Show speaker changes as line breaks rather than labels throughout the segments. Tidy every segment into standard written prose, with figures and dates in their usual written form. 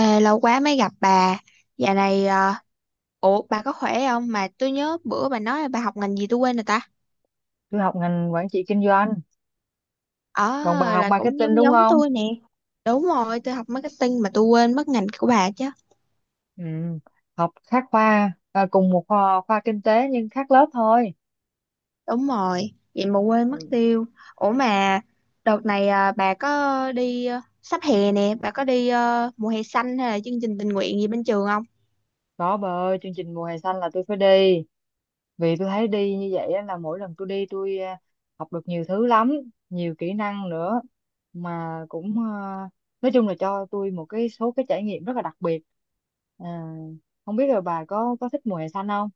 Ê, lâu quá mới gặp bà. Dạo này, ủa bà có khỏe không? Mà tôi nhớ bữa bà nói là bà học ngành gì tôi quên rồi ta.
Tôi học ngành quản trị kinh doanh,
Ờ,
còn bà học
là cũng
marketing
giống
đúng
giống
không?
tôi nè. Đúng rồi, tôi học marketing mà tôi quên mất ngành của bà chứ.
Ừ. Học khác khoa à, cùng một khoa, khoa kinh tế nhưng khác lớp thôi.
Đúng rồi, vậy mà quên mất
Ừ.
tiêu. Ủa mà đợt này bà có đi sắp hè nè, bà có đi mùa hè xanh hay là chương trình tình nguyện gì bên trường?
Đó bà ơi, chương trình mùa hè xanh là tôi phải đi vì tôi thấy đi như vậy á, là mỗi lần tôi đi tôi học được nhiều thứ lắm, nhiều kỹ năng nữa, mà cũng nói chung là cho tôi một cái số cái trải nghiệm rất là đặc biệt. à, Không biết là bà có thích mùa hè xanh không?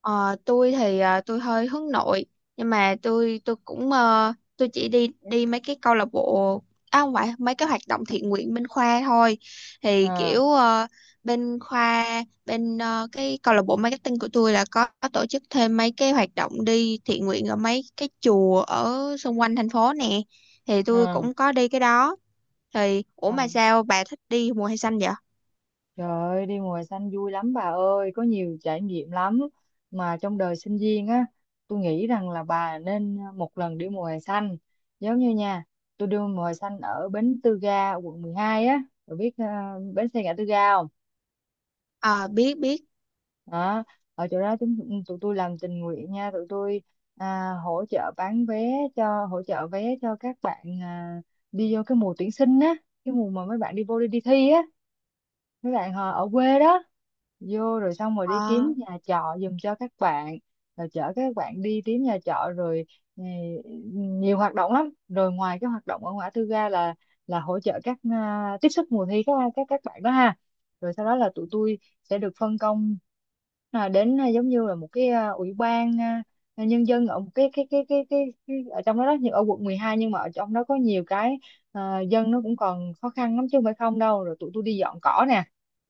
Ờ, tôi thì tôi hơi hướng nội, nhưng mà tôi cũng tôi chỉ đi đi mấy cái câu lạc bộ, à không, phải mấy cái hoạt động thiện nguyện bên khoa thôi. Thì
à,
kiểu bên khoa, bên cái câu lạc bộ marketing của tôi là có tổ chức thêm mấy cái hoạt động đi thiện nguyện ở mấy cái chùa ở xung quanh thành phố nè, thì tôi
à,
cũng có đi cái đó. Thì ủa
à.
mà sao bà thích đi mùa hè xanh vậy?
Trời ơi, đi mùa hè xanh vui lắm bà ơi, có nhiều trải nghiệm lắm. Mà trong đời sinh viên á, tôi nghĩ rằng là bà nên một lần đi mùa hè xanh. Giống như nha, tôi đi mùa hè xanh ở Bến Tư Ga, quận 12 á, bà biết bến xe ngã tư ga không?
Ờ, biết biết.
Đó, ở chỗ đó chúng tụi tôi làm tình nguyện nha, tụi tôi hỗ trợ bán vé cho hỗ trợ vé cho các bạn đi vô cái mùa tuyển sinh á, cái mùa mà mấy bạn đi vô đi thi á. Mấy bạn ở quê đó vô rồi xong rồi đi
Ờ.
kiếm nhà trọ giùm cho các bạn, rồi chở các bạn đi kiếm nhà trọ rồi. ừ, Nhiều hoạt động lắm, rồi ngoài cái hoạt động ở ngã tư ga là hỗ trợ các tiếp sức mùa thi các bạn đó ha, rồi sau đó là tụi tôi sẽ được phân công đến giống như là một cái ủy ban nhân dân ở một cái ở trong đó đó, nhưng ở quận 12, nhưng mà ở trong đó có nhiều cái dân nó cũng còn khó khăn lắm chứ không phải không đâu, rồi tụi tôi đi dọn cỏ nè,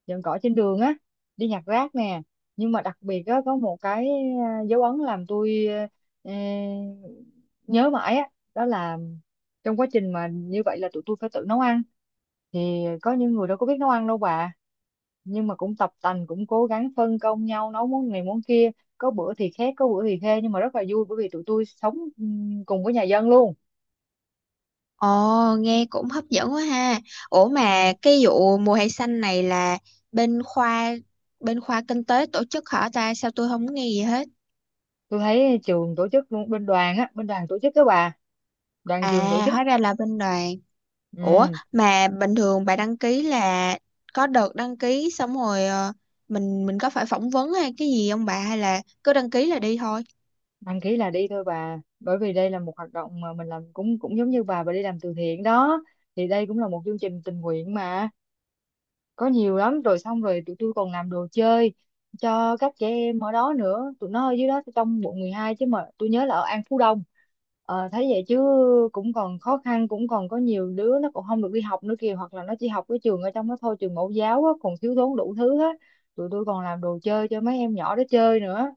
dọn cỏ trên đường á, đi nhặt rác nè, nhưng mà đặc biệt á có một cái dấu ấn làm tôi ờ, nhớ mãi á, đó là trong quá trình mà như vậy là tụi tôi phải tự nấu ăn, thì có những người đâu có biết nấu ăn đâu bà, nhưng mà cũng tập tành cũng cố gắng phân công nhau nấu món này món kia, có bữa thì khét có bữa thì khê nhưng mà rất là vui, bởi vì tụi tôi sống cùng với nhà dân luôn.
Ồ, nghe cũng hấp dẫn quá ha. Ủa
Ừ.
mà cái vụ mùa hè xanh này là bên khoa, bên khoa kinh tế tổ chức hả ta? Sao tôi không nghe gì hết?
Tôi thấy trường tổ chức luôn, bên đoàn á, bên đoàn tổ chức đó bà, đoàn trường tổ
À,
chức.
hóa ra là bên đoàn. Ủa
Ừ.
mà bình thường bà đăng ký là có đợt đăng ký xong rồi, mình có phải phỏng vấn hay cái gì không bà, hay là cứ đăng ký là đi thôi?
Đăng ký là đi thôi bà, bởi vì đây là một hoạt động mà mình làm cũng cũng giống như bà đi làm từ thiện đó, thì đây cũng là một chương trình tình nguyện mà, có nhiều lắm, rồi xong rồi tụi tôi còn làm đồ chơi cho các trẻ em ở đó nữa, tụi nó ở dưới đó trong quận 12 chứ, mà tôi nhớ là ở An Phú Đông. Ờ, thấy vậy chứ cũng còn khó khăn, cũng còn có nhiều đứa nó còn không được đi học nữa kìa, hoặc là nó chỉ học cái trường ở trong đó thôi, trường mẫu giáo á, còn thiếu thốn đủ thứ hết. Tụi tôi còn làm đồ chơi cho mấy em nhỏ đó chơi nữa.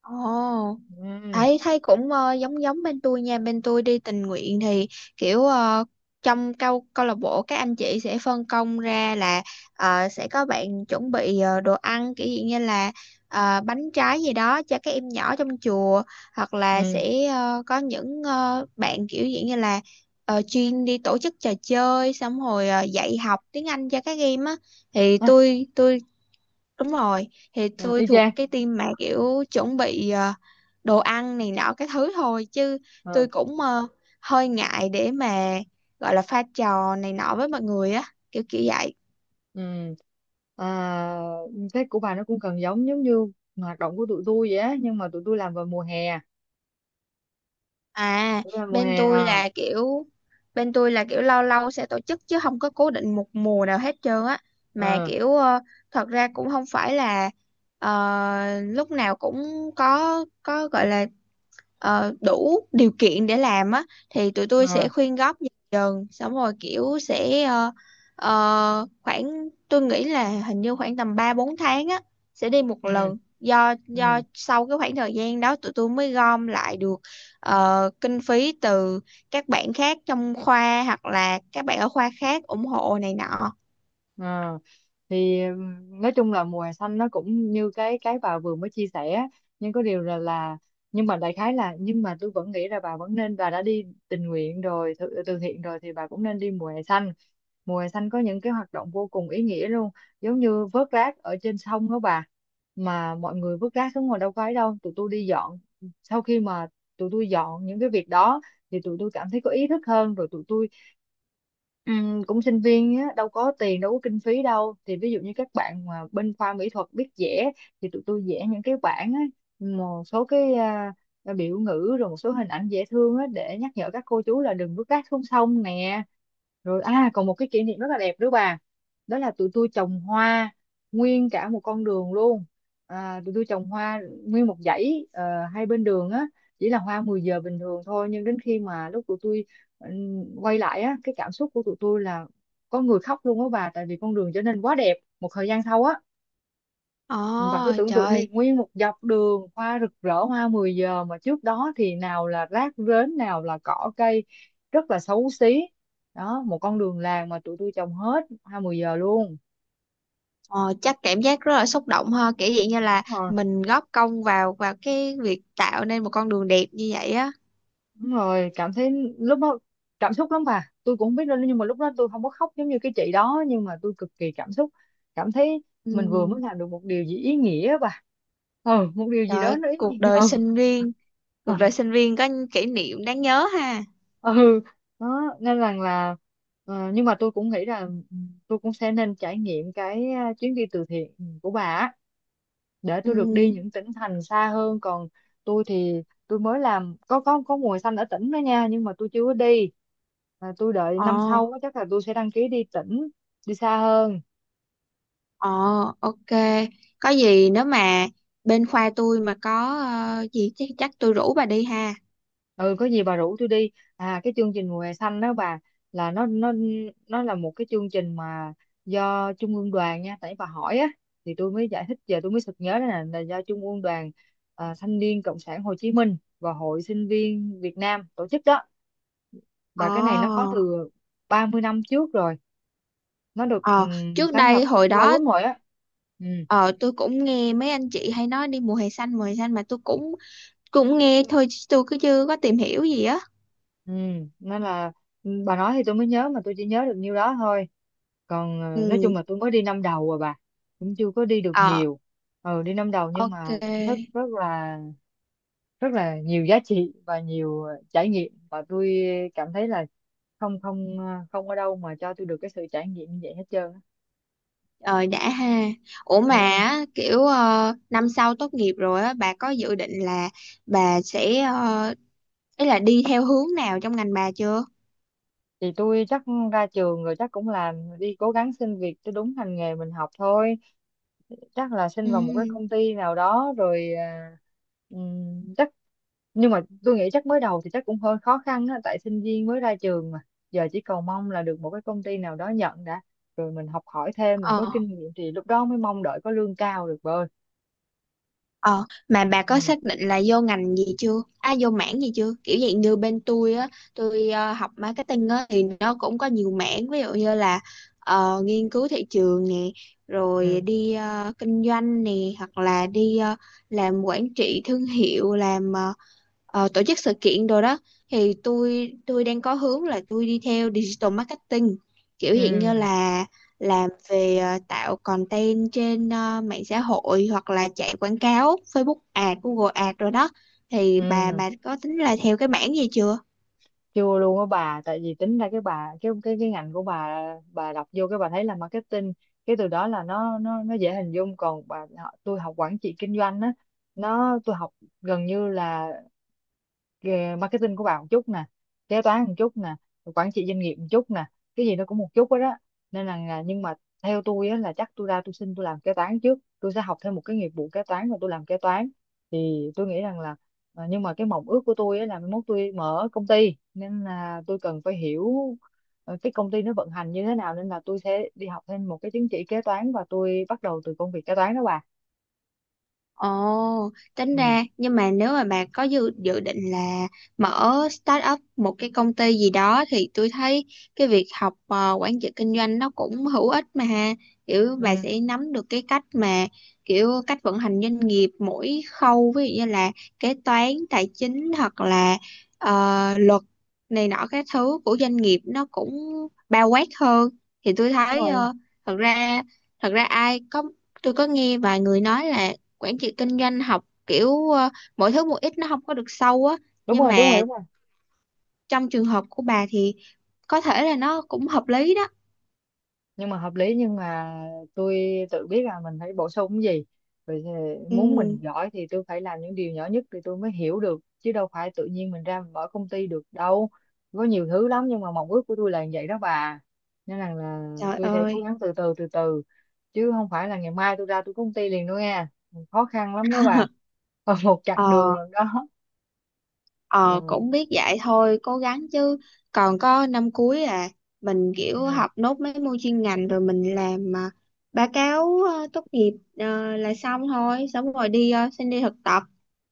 Ồ.
ừ
Thấy thấy cũng giống giống bên tôi nha. Bên tôi đi tình nguyện thì kiểu trong câu câu lạc bộ các anh chị sẽ phân công ra là sẽ có bạn chuẩn bị đồ ăn, kiểu gì như là bánh trái gì đó cho các em nhỏ trong chùa, hoặc là
ừ
sẽ có những bạn kiểu gì như là chuyên đi tổ chức trò chơi, xong rồi dạy học tiếng Anh cho các em á, thì
À,
tôi Đúng rồi, thì
ừ,
tôi
y
thuộc
chang.
cái team mà kiểu chuẩn bị đồ ăn này nọ cái thứ thôi, chứ
Ờ,
tôi cũng hơi ngại để mà gọi là pha trò này nọ với mọi người á, kiểu kiểu vậy.
ừ. À, Tết của bà nó cũng gần giống giống như hoạt động của tụi tôi vậy á, nhưng mà tụi tôi làm vào mùa hè,
À,
tụi tôi làm mùa
bên
hè
tôi là kiểu, bên tôi là kiểu lâu lâu sẽ tổ chức chứ không có cố định một mùa nào hết trơn á, mà
ờ
kiểu thật ra cũng không phải là lúc nào cũng có gọi là đủ điều kiện để làm á, thì tụi tôi
ờ
sẽ khuyên góp dần dần xong rồi kiểu sẽ khoảng tôi nghĩ là hình như khoảng tầm 3 4 tháng á sẽ đi một
ừ
lần, do
ừ
sau cái khoảng thời gian đó tụi tôi mới gom lại được kinh phí từ các bạn khác trong khoa hoặc là các bạn ở khoa khác ủng hộ này nọ.
ờ thì nói chung là mùa hè xanh nó cũng như cái bà vừa mới chia sẻ á. Nhưng có điều là nhưng mà đại khái là nhưng mà tôi vẫn nghĩ là bà vẫn nên, bà đã đi tình nguyện rồi, từ thiện rồi thì bà cũng nên đi mùa hè xanh. Mùa hè xanh có những cái hoạt động vô cùng ý nghĩa luôn, giống như vớt rác ở trên sông đó bà, mà mọi người vứt rác xuống ngồi đâu có ấy đâu, tụi tôi đi dọn. Sau khi mà tụi tôi dọn những cái việc đó thì tụi tôi cảm thấy có ý thức hơn, rồi tụi tôi, ừ, cũng sinh viên á, đâu có tiền đâu có kinh phí đâu, thì ví dụ như các bạn mà bên khoa mỹ thuật biết vẽ thì tụi tôi vẽ những cái bảng á, một số cái biểu ngữ, rồi một số hình ảnh dễ thương á, để nhắc nhở các cô chú là đừng vứt rác xuống sông nè. Rồi còn một cái kỷ niệm rất là đẹp nữa bà, đó là tụi tôi trồng hoa nguyên cả một con đường luôn. Tụi tôi trồng hoa nguyên một dãy hai bên đường á, chỉ là hoa 10 giờ bình thường thôi, nhưng đến khi mà lúc tụi tôi quay lại á, cái cảm xúc của tụi tôi là có người khóc luôn á bà, tại vì con đường trở nên quá đẹp một thời gian sau á. Và cứ
Ồ,
tưởng tượng đi,
trời.
nguyên một dọc đường hoa rực rỡ hoa 10 giờ, mà trước đó thì nào là rác rến nào là cỏ cây, rất là xấu xí. Đó, một con đường làng mà tụi tôi trồng hết hoa 10 giờ luôn.
Ờ, chắc cảm giác rất là xúc động ha, kiểu vậy như là
Đúng rồi.
mình góp công vào vào cái việc tạo nên một con đường đẹp như vậy á.
Đúng rồi, cảm thấy lúc đó cảm xúc lắm bà. Tôi cũng không biết đâu, nhưng mà lúc đó tôi không có khóc giống như cái chị đó, nhưng mà tôi cực kỳ cảm xúc. Cảm thấy
Ừ.
mình vừa mới làm được một điều gì ý nghĩa á bà. Ừ, một điều gì
Trời
đó
ơi,
nó ý
cuộc
nghĩa.
đời
Ừ,
sinh viên,
ừ.
cuộc đời sinh viên có những kỷ niệm đáng nhớ ha.
ừ. Đó, nên rằng là nhưng mà tôi cũng nghĩ là ừ, tôi cũng sẽ nên trải nghiệm cái chuyến đi từ thiện của bà á, để
Ừ.
tôi được đi những tỉnh thành xa hơn. Còn tôi thì tôi mới làm có mùa xanh ở tỉnh đó nha, nhưng mà tôi chưa có đi. À, tôi đợi năm
Ờ.
sau á, chắc là tôi sẽ đăng ký đi tỉnh, đi xa hơn.
Ờ. Ok, có gì nếu mà bên khoa tôi mà có gì chắc, chắc tôi rủ bà đi ha.
Ừ, có gì bà rủ tôi đi. À, cái chương trình mùa hè xanh đó bà, là nó là một cái chương trình mà do trung ương đoàn nha, tại bà hỏi á thì tôi mới giải thích. Giờ tôi mới sực nhớ đó là, do trung ương đoàn thanh niên cộng sản Hồ Chí Minh và hội sinh viên Việt Nam tổ chức đó. Và cái này nó có
Ờ.
từ 30 năm trước rồi, nó được
Ờ, trước
sáng
đây
lập
hồi
lâu
đó
lắm rồi á. ừ
ờ tôi cũng nghe mấy anh chị hay nói đi mùa hè xanh, mùa hè xanh, mà tôi cũng cũng nghe thôi chứ tôi cứ chưa có tìm hiểu gì á.
ừ Nên là ừ, bà nói thì tôi mới nhớ, mà tôi chỉ nhớ được nhiêu đó thôi. Còn nói
Ừ.
chung là tôi mới đi năm đầu rồi bà, cũng chưa có đi được
Ờ.
nhiều. Ừ, đi năm đầu nhưng mà cảm thấy
Ok.
rất là, rất là nhiều giá trị và nhiều trải nghiệm, và tôi cảm thấy là không không ờ, không ở đâu mà cho tôi được cái sự trải nghiệm như vậy hết trơn á.
Rồi đã ha. Ủa mà
Ừ,
á, kiểu năm sau tốt nghiệp rồi á, bà có dự định là bà sẽ ý là đi theo hướng nào trong ngành bà chưa?
thì tôi chắc ra trường rồi chắc cũng làm, đi cố gắng xin việc cho đúng ngành nghề mình học thôi, chắc là xin vào một cái
Ừ.
công ty nào đó, rồi chắc, nhưng mà tôi nghĩ chắc mới đầu thì chắc cũng hơi khó khăn á, tại sinh viên mới ra trường mà, giờ chỉ cầu mong là được một cái công ty nào đó nhận đã, rồi mình học hỏi thêm, mình có
Ờ.
kinh nghiệm thì lúc đó mới mong đợi có lương cao được bơi.
Ờ, mà bà có
ừ
xác định là vô ngành gì chưa? À, vô mảng gì chưa? Kiểu dạng như bên tôi á, tôi học marketing á thì nó cũng có nhiều mảng, ví dụ như là nghiên cứu thị trường nè, rồi
ừ
đi kinh doanh nè, hoặc là đi làm quản trị thương hiệu, làm tổ chức sự kiện đồ đó. Thì tôi đang có hướng là tôi đi theo digital marketing, kiểu dạng như
ừ
là làm về tạo content trên mạng xã hội hoặc là chạy quảng cáo Facebook Ad, Google Ad rồi đó, thì bà
ừ
bà có tính là theo cái mảng gì chưa?
Chưa luôn á bà, tại vì tính ra cái bà cái ngành của bà đọc vô cái bà thấy là marketing, cái từ đó là nó dễ hình dung. Còn bà họ- tôi học quản trị kinh doanh á, tôi học gần như là cái marketing của bà một chút nè, kế toán một chút nè, rồi quản trị doanh nghiệp một chút nè, cái gì nó cũng một chút hết đó. Nên là- nhưng mà theo tôi á, là chắc tôi ra tôi xin tôi làm kế toán trước, tôi sẽ học thêm một cái nghiệp vụ kế toán và tôi làm kế toán, thì tôi nghĩ rằng là nhưng mà cái mộng ước của tôi á, là mai mốt tôi mở công ty, nên là tôi cần phải hiểu cái công ty nó vận hành như thế nào, nên là tôi sẽ đi học thêm một cái chứng chỉ kế toán và tôi bắt đầu từ công việc kế toán đó bà.
Ồ, tính
Ừ.
ra nhưng mà nếu mà bà có dự dự định là mở start up một cái công ty gì đó thì tôi thấy cái việc học quản trị kinh doanh nó cũng hữu ích mà ha. Kiểu bà
Ừ,
sẽ nắm được cái cách mà kiểu cách vận hành doanh nghiệp mỗi khâu, ví dụ như là kế toán, tài chính hoặc là ờ, luật này nọ các thứ của doanh nghiệp nó cũng bao quát hơn. Thì tôi
đúng
thấy
rồi.
thật ra, thật ra ai có tôi có nghe vài người nói là quản trị kinh doanh học kiểu mỗi thứ một ít nó không có được sâu á, nhưng mà
Đúng rồi,
trong trường hợp của bà thì có thể là nó cũng hợp lý đó.
nhưng mà hợp lý, nhưng mà tôi tự biết là mình phải bổ sung cái gì. Vậy thì muốn mình
Ừ.
giỏi thì tôi phải làm những điều nhỏ nhất thì tôi mới hiểu được, chứ đâu phải tự nhiên mình ra mình mở công ty được đâu. Có nhiều thứ lắm, nhưng mà mong ước của tôi là như vậy đó bà. Nên là
Trời
tôi sẽ cố
ơi.
gắng từ từ, chứ không phải là ngày mai tôi ra tôi có công ty liền đâu nha, khó khăn lắm đó bà. Còn một chặng đường
Ờ.
lần đó.
Ờ,
Ừ.
cũng biết vậy thôi cố gắng chứ, còn có năm cuối à, mình kiểu
Ừ.
học nốt mấy môn chuyên ngành rồi mình làm báo cáo tốt nghiệp là xong thôi, xong rồi đi xin đi thực tập,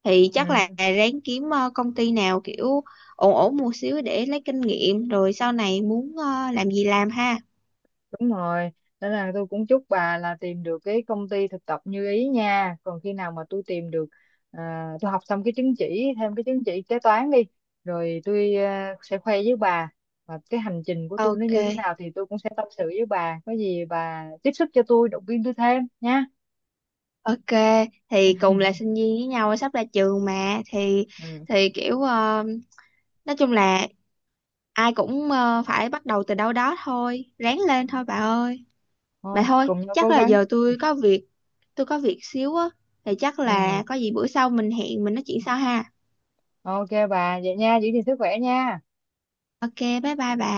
thì chắc là
Ừ.
ráng kiếm công ty nào kiểu ổn ổn một xíu để lấy kinh nghiệm rồi sau này muốn làm gì làm ha.
Đúng rồi, nên là tôi cũng chúc bà là tìm được cái công ty thực tập như ý nha. Còn khi nào mà tôi tìm được, à, tôi học xong cái chứng chỉ, thêm cái chứng chỉ kế toán đi, rồi tôi sẽ khoe với bà và cái hành trình của tôi nó
Ok.
như thế nào thì tôi cũng sẽ tâm sự với bà. Có gì bà tiếp sức cho tôi, động viên tôi thêm nha.
Ok. Thì cùng là sinh viên với nhau sắp ra trường mà,
Ừ.
thì kiểu nói chung là ai cũng phải bắt đầu từ đâu đó thôi, ráng lên thôi bà ơi. Bà
Thôi,
thôi
cùng nhau
chắc
cố
là
gắng.
giờ tôi có việc, tôi có việc xíu á, thì chắc
Ừ.
là có gì bữa sau mình hẹn mình nói chuyện sau ha.
Ok bà, vậy nha, giữ gìn sức khỏe nha.
Ok, bye bye bà.